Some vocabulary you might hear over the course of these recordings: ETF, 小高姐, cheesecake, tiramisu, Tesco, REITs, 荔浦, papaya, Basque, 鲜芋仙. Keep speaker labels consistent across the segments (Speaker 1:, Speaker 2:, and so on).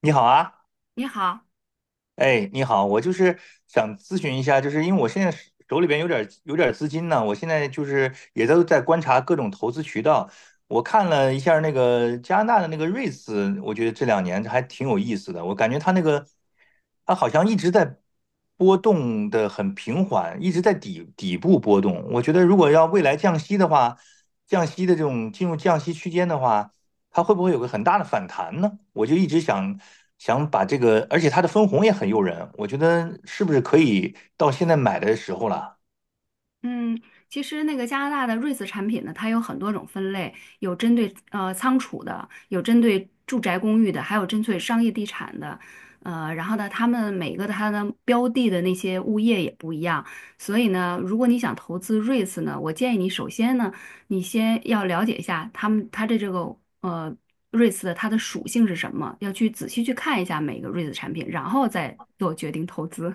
Speaker 1: 你好啊，
Speaker 2: 你好，
Speaker 1: 哎，你好，我就是想咨询一下，就是因为我现在手里边有点资金呢，我现在就是也都在观察各种投资渠道。我看了一下那个加拿大的那个瑞士，我觉得这两年还挺有意思的。我感觉它那个它好像一直在波动的很平缓，一直在底部波动。我觉得如果要未来降息的话，降息的这种进入降息区间的话。它会不会有个很大的反弹呢？我就一直想把这个，而且它的分红也很诱人，我觉得是不是可以到现在买的时候了。
Speaker 2: 嗯，其实那个加拿大的瑞士产品呢，它有很多种分类，有针对仓储的，有针对住宅公寓的，还有针对商业地产的，然后呢，他们每个它的标的的那些物业也不一样，所以呢，如果你想投资瑞士呢，我建议你首先呢，你先要了解一下他们它的这个呃瑞士的它的属性是什么，要去仔细去看一下每个瑞士产品，然后再做决定投资。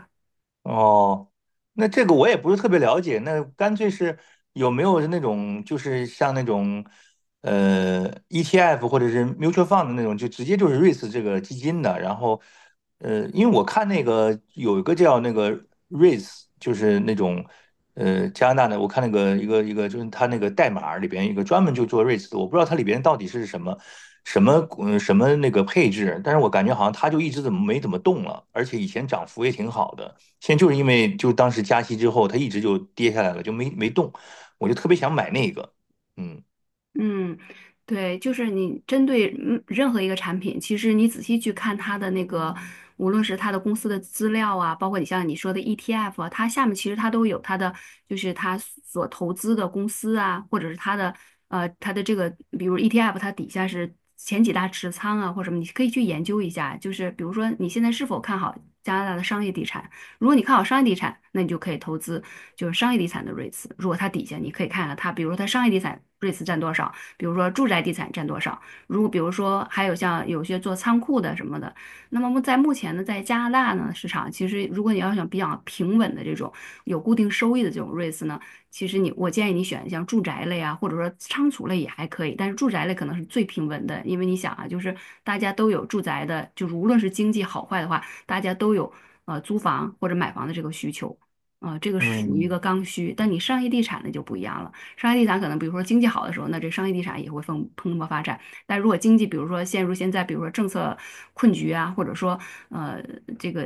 Speaker 1: 哦，那这个我也不是特别了解，那干脆是有没有那种就是像那种ETF 或者是 mutual fund 的那种，就直接就是 REITs 这个基金的，然后因为我看那个有一个叫那个 r e i s 就是那种加拿大的，我看那个一个就是它那个代码里边一个专门就做 REITs 的，我不知道它里边到底是什么什么那个配置，但是我感觉好像它就一直怎么没怎么动了，而且以前涨幅也挺好的。现在就是因为就当时加息之后，它一直就跌下来了，就没动，我就特别想买那个。嗯
Speaker 2: 嗯，对，就是你针对任何一个产品，其实你仔细去看它的那个，无论是它的公司的资料啊，包括你像你说的 ETF 啊，它下面其实它都有它的，就是它所投资的公司啊，或者是它的这个，比如 ETF 它底下是前几大持仓啊，或什么，你可以去研究一下。就是比如说你现在是否看好加拿大的商业地产，如果你看好商业地产，那你就可以投资就是商业地产的 REITs。如果它底下你可以看看它，比如说它商业地产 REITs 占多少，比如说住宅地产占多少。如果比如说还有像有些做仓库的什么的，那么在目前呢，在加拿大呢市场，其实如果你要想比较平稳的这种有固定收益的这种 REITs 呢，其实你我建议你选像住宅类啊，或者说仓储类也还可以，但是住宅类可能是最平稳的，因为你想啊，就是大家都有住宅的，就是无论是经济好坏的话。大家都有租房或者买房的这个需求，啊、这个是属于一
Speaker 1: 嗯。
Speaker 2: 个刚需。但你商业地产呢就不一样了，商业地产可能比如说经济好的时候，那这商业地产也会蓬勃发展。但如果经济比如说陷入现在比如说政策困局啊，或者说呃这个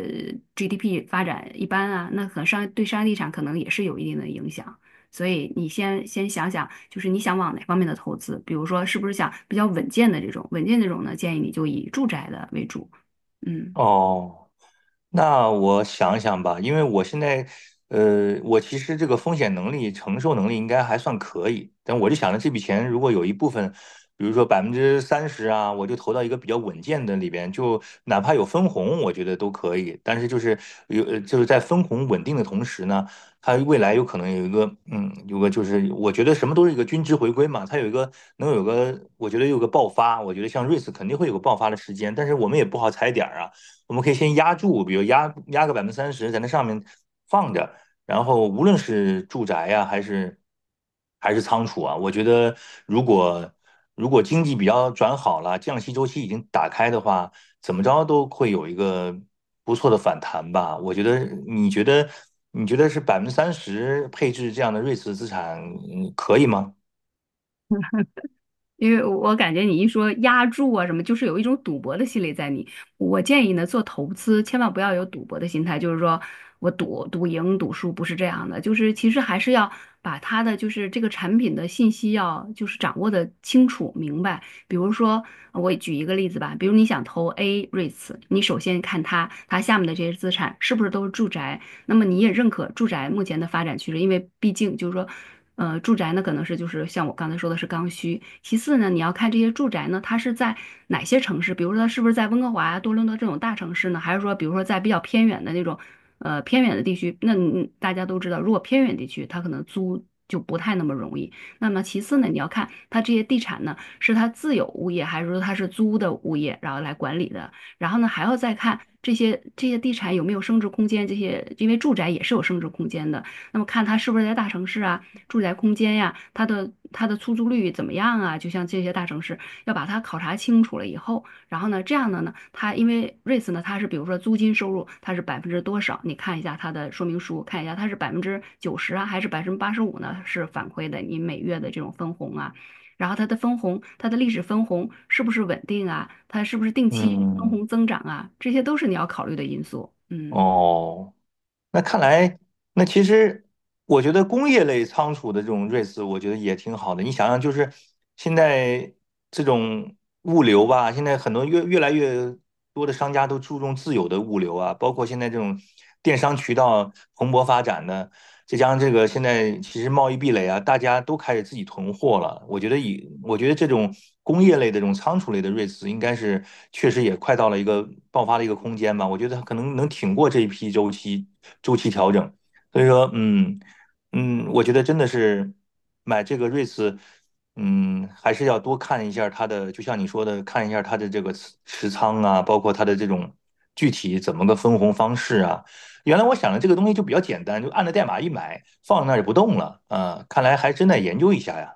Speaker 2: GDP 发展一般啊，那可能商业地产可能也是有一定的影响。所以你先想想，就是你想往哪方面的投资？比如说，是不是想比较稳健的这种？稳健这种呢，建议你就以住宅的为主。嗯。
Speaker 1: 哦。那我想想吧，因为我现在，我其实这个风险能力、承受能力应该还算可以，但我就想着这笔钱如果有一部分，比如说百分之三十啊，我就投到一个比较稳健的里边，就哪怕有分红，我觉得都可以。但是就是有，就是在分红稳定的同时呢，它未来有可能有一个，嗯，有个就是我觉得什么都是一个均值回归嘛，它有一个能有个，我觉得有个爆发，我觉得像瑞士肯定会有个爆发的时间，但是我们也不好踩点儿啊。我们可以先压住，比如压个百分之三十在那上面放着，然后无论是住宅呀、啊还是仓储啊，我觉得如果如果经济比较转好了，降息周期已经打开的话，怎么着都会有一个不错的反弹吧。我觉得，你觉得是百分之三十配置这样的瑞士资产，嗯可以吗？
Speaker 2: 因为我感觉你一说押注啊什么，就是有一种赌博的心理在你。我建议呢，做投资千万不要有赌博的心态，就是说我赌赢赌输不是这样的，就是其实还是要把它的就是这个产品的信息要就是掌握的清楚明白。比如说，我举一个例子吧，比如你想投 A REITs,你首先看它下面的这些资产是不是都是住宅那么你也认可住宅目前的发展趋势，因为毕竟就是说，住宅呢可能是就是像我刚才说的是刚需。其次呢，你要看这些住宅呢，它是在哪些城市，比如说它是不是在温哥华呀、多伦多这种大城市呢，还是说比如说在比较偏远的那种，偏远的地区？那你大家都知道，如果偏远地区，它可能租。就不太那么容易。那么其次呢，你要看它这些地产呢，是它自有物业还是说它是租的物业，然后来管理的。然后呢，还要再看这些地产有没有升值空间，这些因为住宅也是有升值空间的。那么看它是不是在大城市啊，住宅空间呀，它的出租率怎么样啊？就像这些大城市，要把它考察清楚了以后，然后呢，这样的呢，它因为 r e i t S 呢，它是比如说租金收入它是百分之多少，你看一下它的说明书，看一下它是百分之九十啊，还是百分之八十五呢？是反馈的你每月的这种分红啊。然后它的分红，它的历史分红是不是稳定啊？它是不是定期分
Speaker 1: 嗯。
Speaker 2: 红增长啊？这些都是你要考虑的因素。嗯。
Speaker 1: 哦，那看来，那其实我觉得工业类仓储的这种瑞 e 我觉得也挺好的。你想想，就是现在这种物流吧，现在很多越来越多的商家都注重自有的物流啊，包括现在这种电商渠道蓬勃发展的，再加上这个现在其实贸易壁垒啊，大家都开始自己囤货了。我觉得这种工业类的这种仓储类的瑞驰，应该是确实也快到了一个爆发的一个空间吧。我觉得它可能能挺过这一批周期调整。所以说，嗯。嗯，我觉得真的是买这个瑞驰，嗯，还是要多看一下它的，就像你说的，看一下它的这个持仓啊，包括它的这种具体怎么个分红方式啊。原来我想的这个东西就比较简单，就按着代码一买，放那儿也不动了。啊，看来还真得研究一下呀。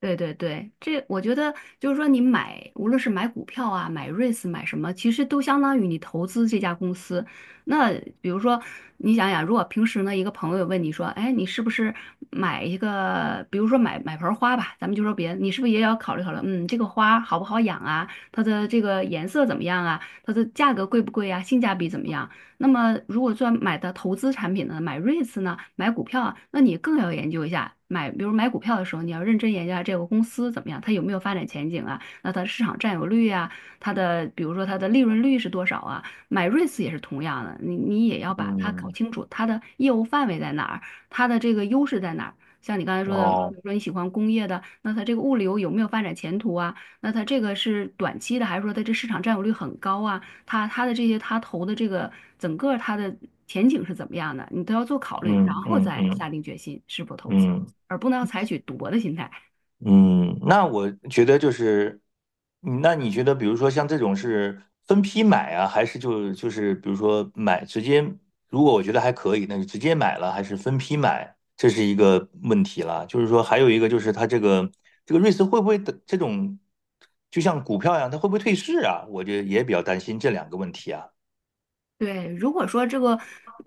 Speaker 2: 对对对，这我觉得就是说，你买无论是买股票啊、买 REITs、买什么，其实都相当于你投资这家公司。那比如说，你想想，如果平时呢，一个朋友问你说，哎，你是不是买一个，比如说买盆花吧，咱们就说别的，你是不是也要考虑考虑，嗯，这个花好不好养啊，它的这个颜色怎么样啊，它的价格贵不贵啊，性价比怎么样？那么如果做买的投资产品呢，买 REITs 呢，买股票啊，那你更要研究一下。买，比如买股票的时候，你要认真研究下这个公司怎么样，它有没有发展前景啊？那它的市场占有率啊，它的比如说它的利润率是多少啊？买 REITs 也是同样的，你你也要把它搞
Speaker 1: 嗯。
Speaker 2: 清楚，它的业务范围在哪儿，它的这个优势在哪儿。像你刚才说的，比
Speaker 1: 哦。
Speaker 2: 如说你喜欢工业的，那它这个物流有没有发展前途啊？那它这个是短期的，还是说它这市场占有率很高啊？他的这些他投的这个整个他的前景是怎么样的，你都要做考虑，然
Speaker 1: 嗯
Speaker 2: 后
Speaker 1: 嗯
Speaker 2: 再下
Speaker 1: 嗯
Speaker 2: 定决心是否投资，
Speaker 1: 嗯。
Speaker 2: 而不能采取赌博的心态。
Speaker 1: 嗯，那我觉得就是，嗯那你觉得，比如说像这种是分批买啊，还是就是比如说买直接，如果我觉得还可以，那就直接买了，还是分批买，这是一个问题了。就是说，还有一个就是它这个这个瑞思会不会的这种，就像股票一样，它会不会退市啊？我觉得也比较担心这两个问题啊。
Speaker 2: 对，如果说这个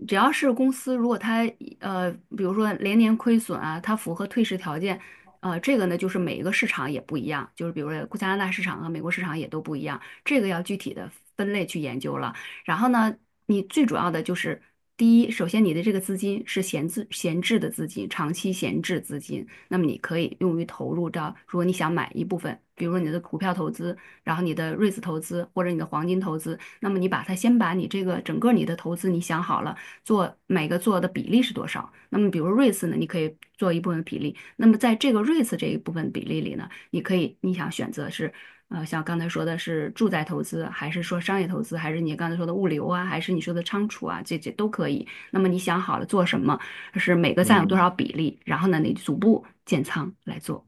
Speaker 2: 只要是公司，如果它呃，比如说连年亏损啊，它符合退市条件，这个呢就是每一个市场也不一样，就是比如说加拿大市场和美国市场也都不一样，这个要具体的分类去研究了。然后呢，你最主要的就是第一，首先你的这个资金是闲置的资金，长期闲置资金，那么你可以用于投入到，如果你想买一部分，比如说你的股票投资，然后你的 r e i s 投资或者你的黄金投资。那么你把它先把你这个整个你的投资你想好了，做每个做的比例是多少。那么比如 REITs 呢，你可以做一部分比例。那么在这个 REITs 这一部分比例里呢，你可以你想选择是。像刚才说的是住宅投资，还是说商业投资，还是你刚才说的物流啊，还是你说的仓储啊，这这都可以。那么你想好了做什么，是每个占有多少
Speaker 1: 嗯。
Speaker 2: 比例，然后呢，你逐步建仓来做。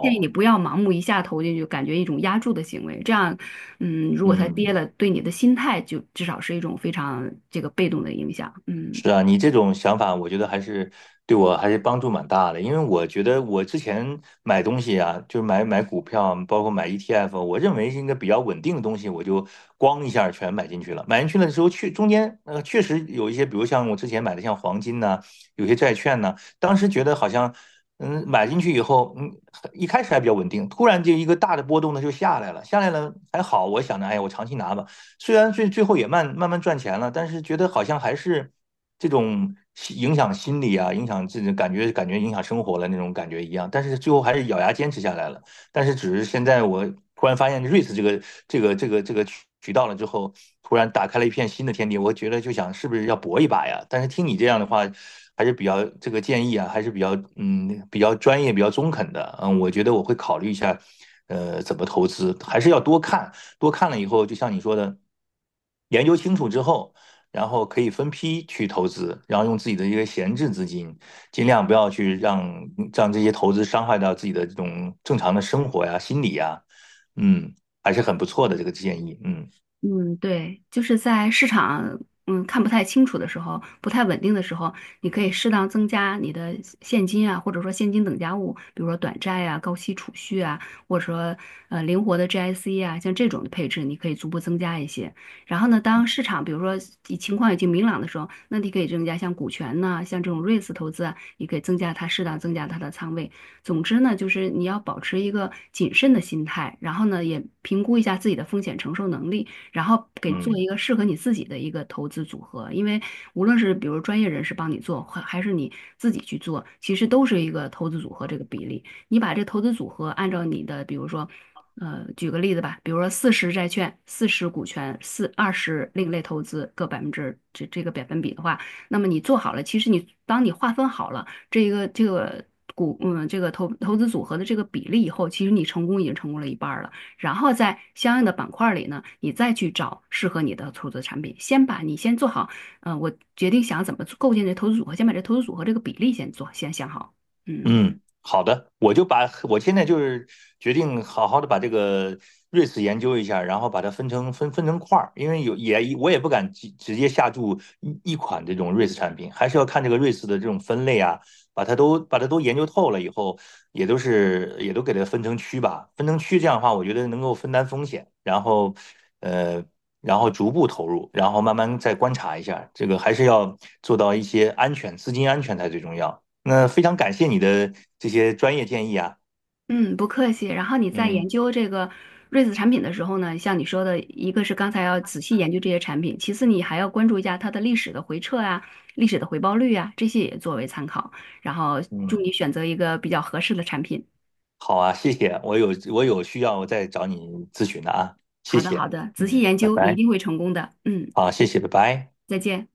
Speaker 2: 建议你不要盲目一下投进去，感觉一种压住的行为。这样，嗯，如果它跌
Speaker 1: 嗯。
Speaker 2: 了，对你的心态就至少是一种非常这个被动的影响。嗯。
Speaker 1: 是啊，你这种想法，我觉得还是对我还是帮助蛮大的。因为我觉得我之前买东西啊，就是买股票，包括买 ETF，我认为是一个比较稳定的东西，我就咣一下儿全买进去了。买进去了之后，确中间确实有一些，比如像我之前买的像黄金呐、有些债券呐、当时觉得好像嗯买进去以后，嗯一开始还比较稳定，突然就一个大的波动呢就下来了，下来了还好，我想着哎呀我长期拿吧，虽然最后也慢慢赚钱了，但是觉得好像还是这种影响心理啊，影响自己感觉影响生活了那种感觉一样。但是最后还是咬牙坚持下来了。但是只是现在我突然发现瑞 e 这个渠道了之后，突然打开了一片新的天地。我觉得就想是不是要搏一把呀？但是听你这样的话。还是比较这个建议啊，还是比较嗯比较专业、比较中肯的，嗯，我觉得我会考虑一下，怎么投资，还是要多看了以后，就像你说的，研究清楚之后，然后可以分批去投资，然后用自己的一个闲置资金，尽量不要去让这些投资伤害到自己的这种正常的生活呀、心理呀，嗯，还是很不错的这个建议，嗯
Speaker 2: 嗯，对，就是在市场看不太清楚的时候，不太稳定的时候，你可以适当增加你的现金啊，或者说现金等价物，比如说短债啊、高息储蓄啊，或者说灵活的 GIC 啊，像这种的配置，你可以逐步增加一些。然后呢，当市场比如说以情况已经明朗的时候，那你可以增加像股权呐、像这种 r e i T s 投资啊，你可以增加它适当增加它的仓位。总之呢，就是你要保持一个谨慎的心态，然后呢，也评估一下自己的风险承受能力。然后给做
Speaker 1: 嗯。
Speaker 2: 一个适合你自己的一个投资组合。因为无论是比如专业人士帮你做，还是你自己去做，其实都是一个投资组合这个比例。你把这投资组合按照你的，比如说，举个例子吧，比如说四十债券、四十股权、四二十另类投资各百分之这个百分比的话，那么你做好了，其实你当你划分好了这一个这个这个投资组合的这个比例以后，其实你成功已经成功了一半儿了。然后在相应的板块里呢，你再去找适合你的投资产品。先把你先做好，嗯，我决定想怎么构建这投资组合，先把这投资组合这个比例先做，先想好。嗯
Speaker 1: 嗯，好的，我就把我现在就是决定好好的把这个瑞士研究一下，然后把它分成分成块儿，因为有也我也不敢直接下注一款这种瑞士产品，还是要看这个瑞士的这种分类啊，把它都研究透了以后，也都给它分成区吧，分成区这样的话，我觉得能够分担风险，然后呃，然后逐步投入，然后慢慢再观察一下，这个还是要做到一些安全，资金安全才最重要。那非常感谢你的这些专业建议啊，
Speaker 2: 嗯，不客气。然后你在研
Speaker 1: 嗯
Speaker 2: 究这个瑞子产品的时候呢，像你说的，一个是刚才要仔细研究这些产品，其次你还要关注一下它的历史的回撤啊、历史的回报率啊，这些也作为参考。然后祝
Speaker 1: 嗯，
Speaker 2: 你选择一个比较合适的产品。
Speaker 1: 好啊，谢谢，我有需要我再找你咨询的啊，谢
Speaker 2: 好的，
Speaker 1: 谢，
Speaker 2: 好的，仔细
Speaker 1: 嗯，
Speaker 2: 研
Speaker 1: 拜
Speaker 2: 究，你一
Speaker 1: 拜，
Speaker 2: 定会成功的。嗯，
Speaker 1: 好，谢谢，拜拜。
Speaker 2: 再见。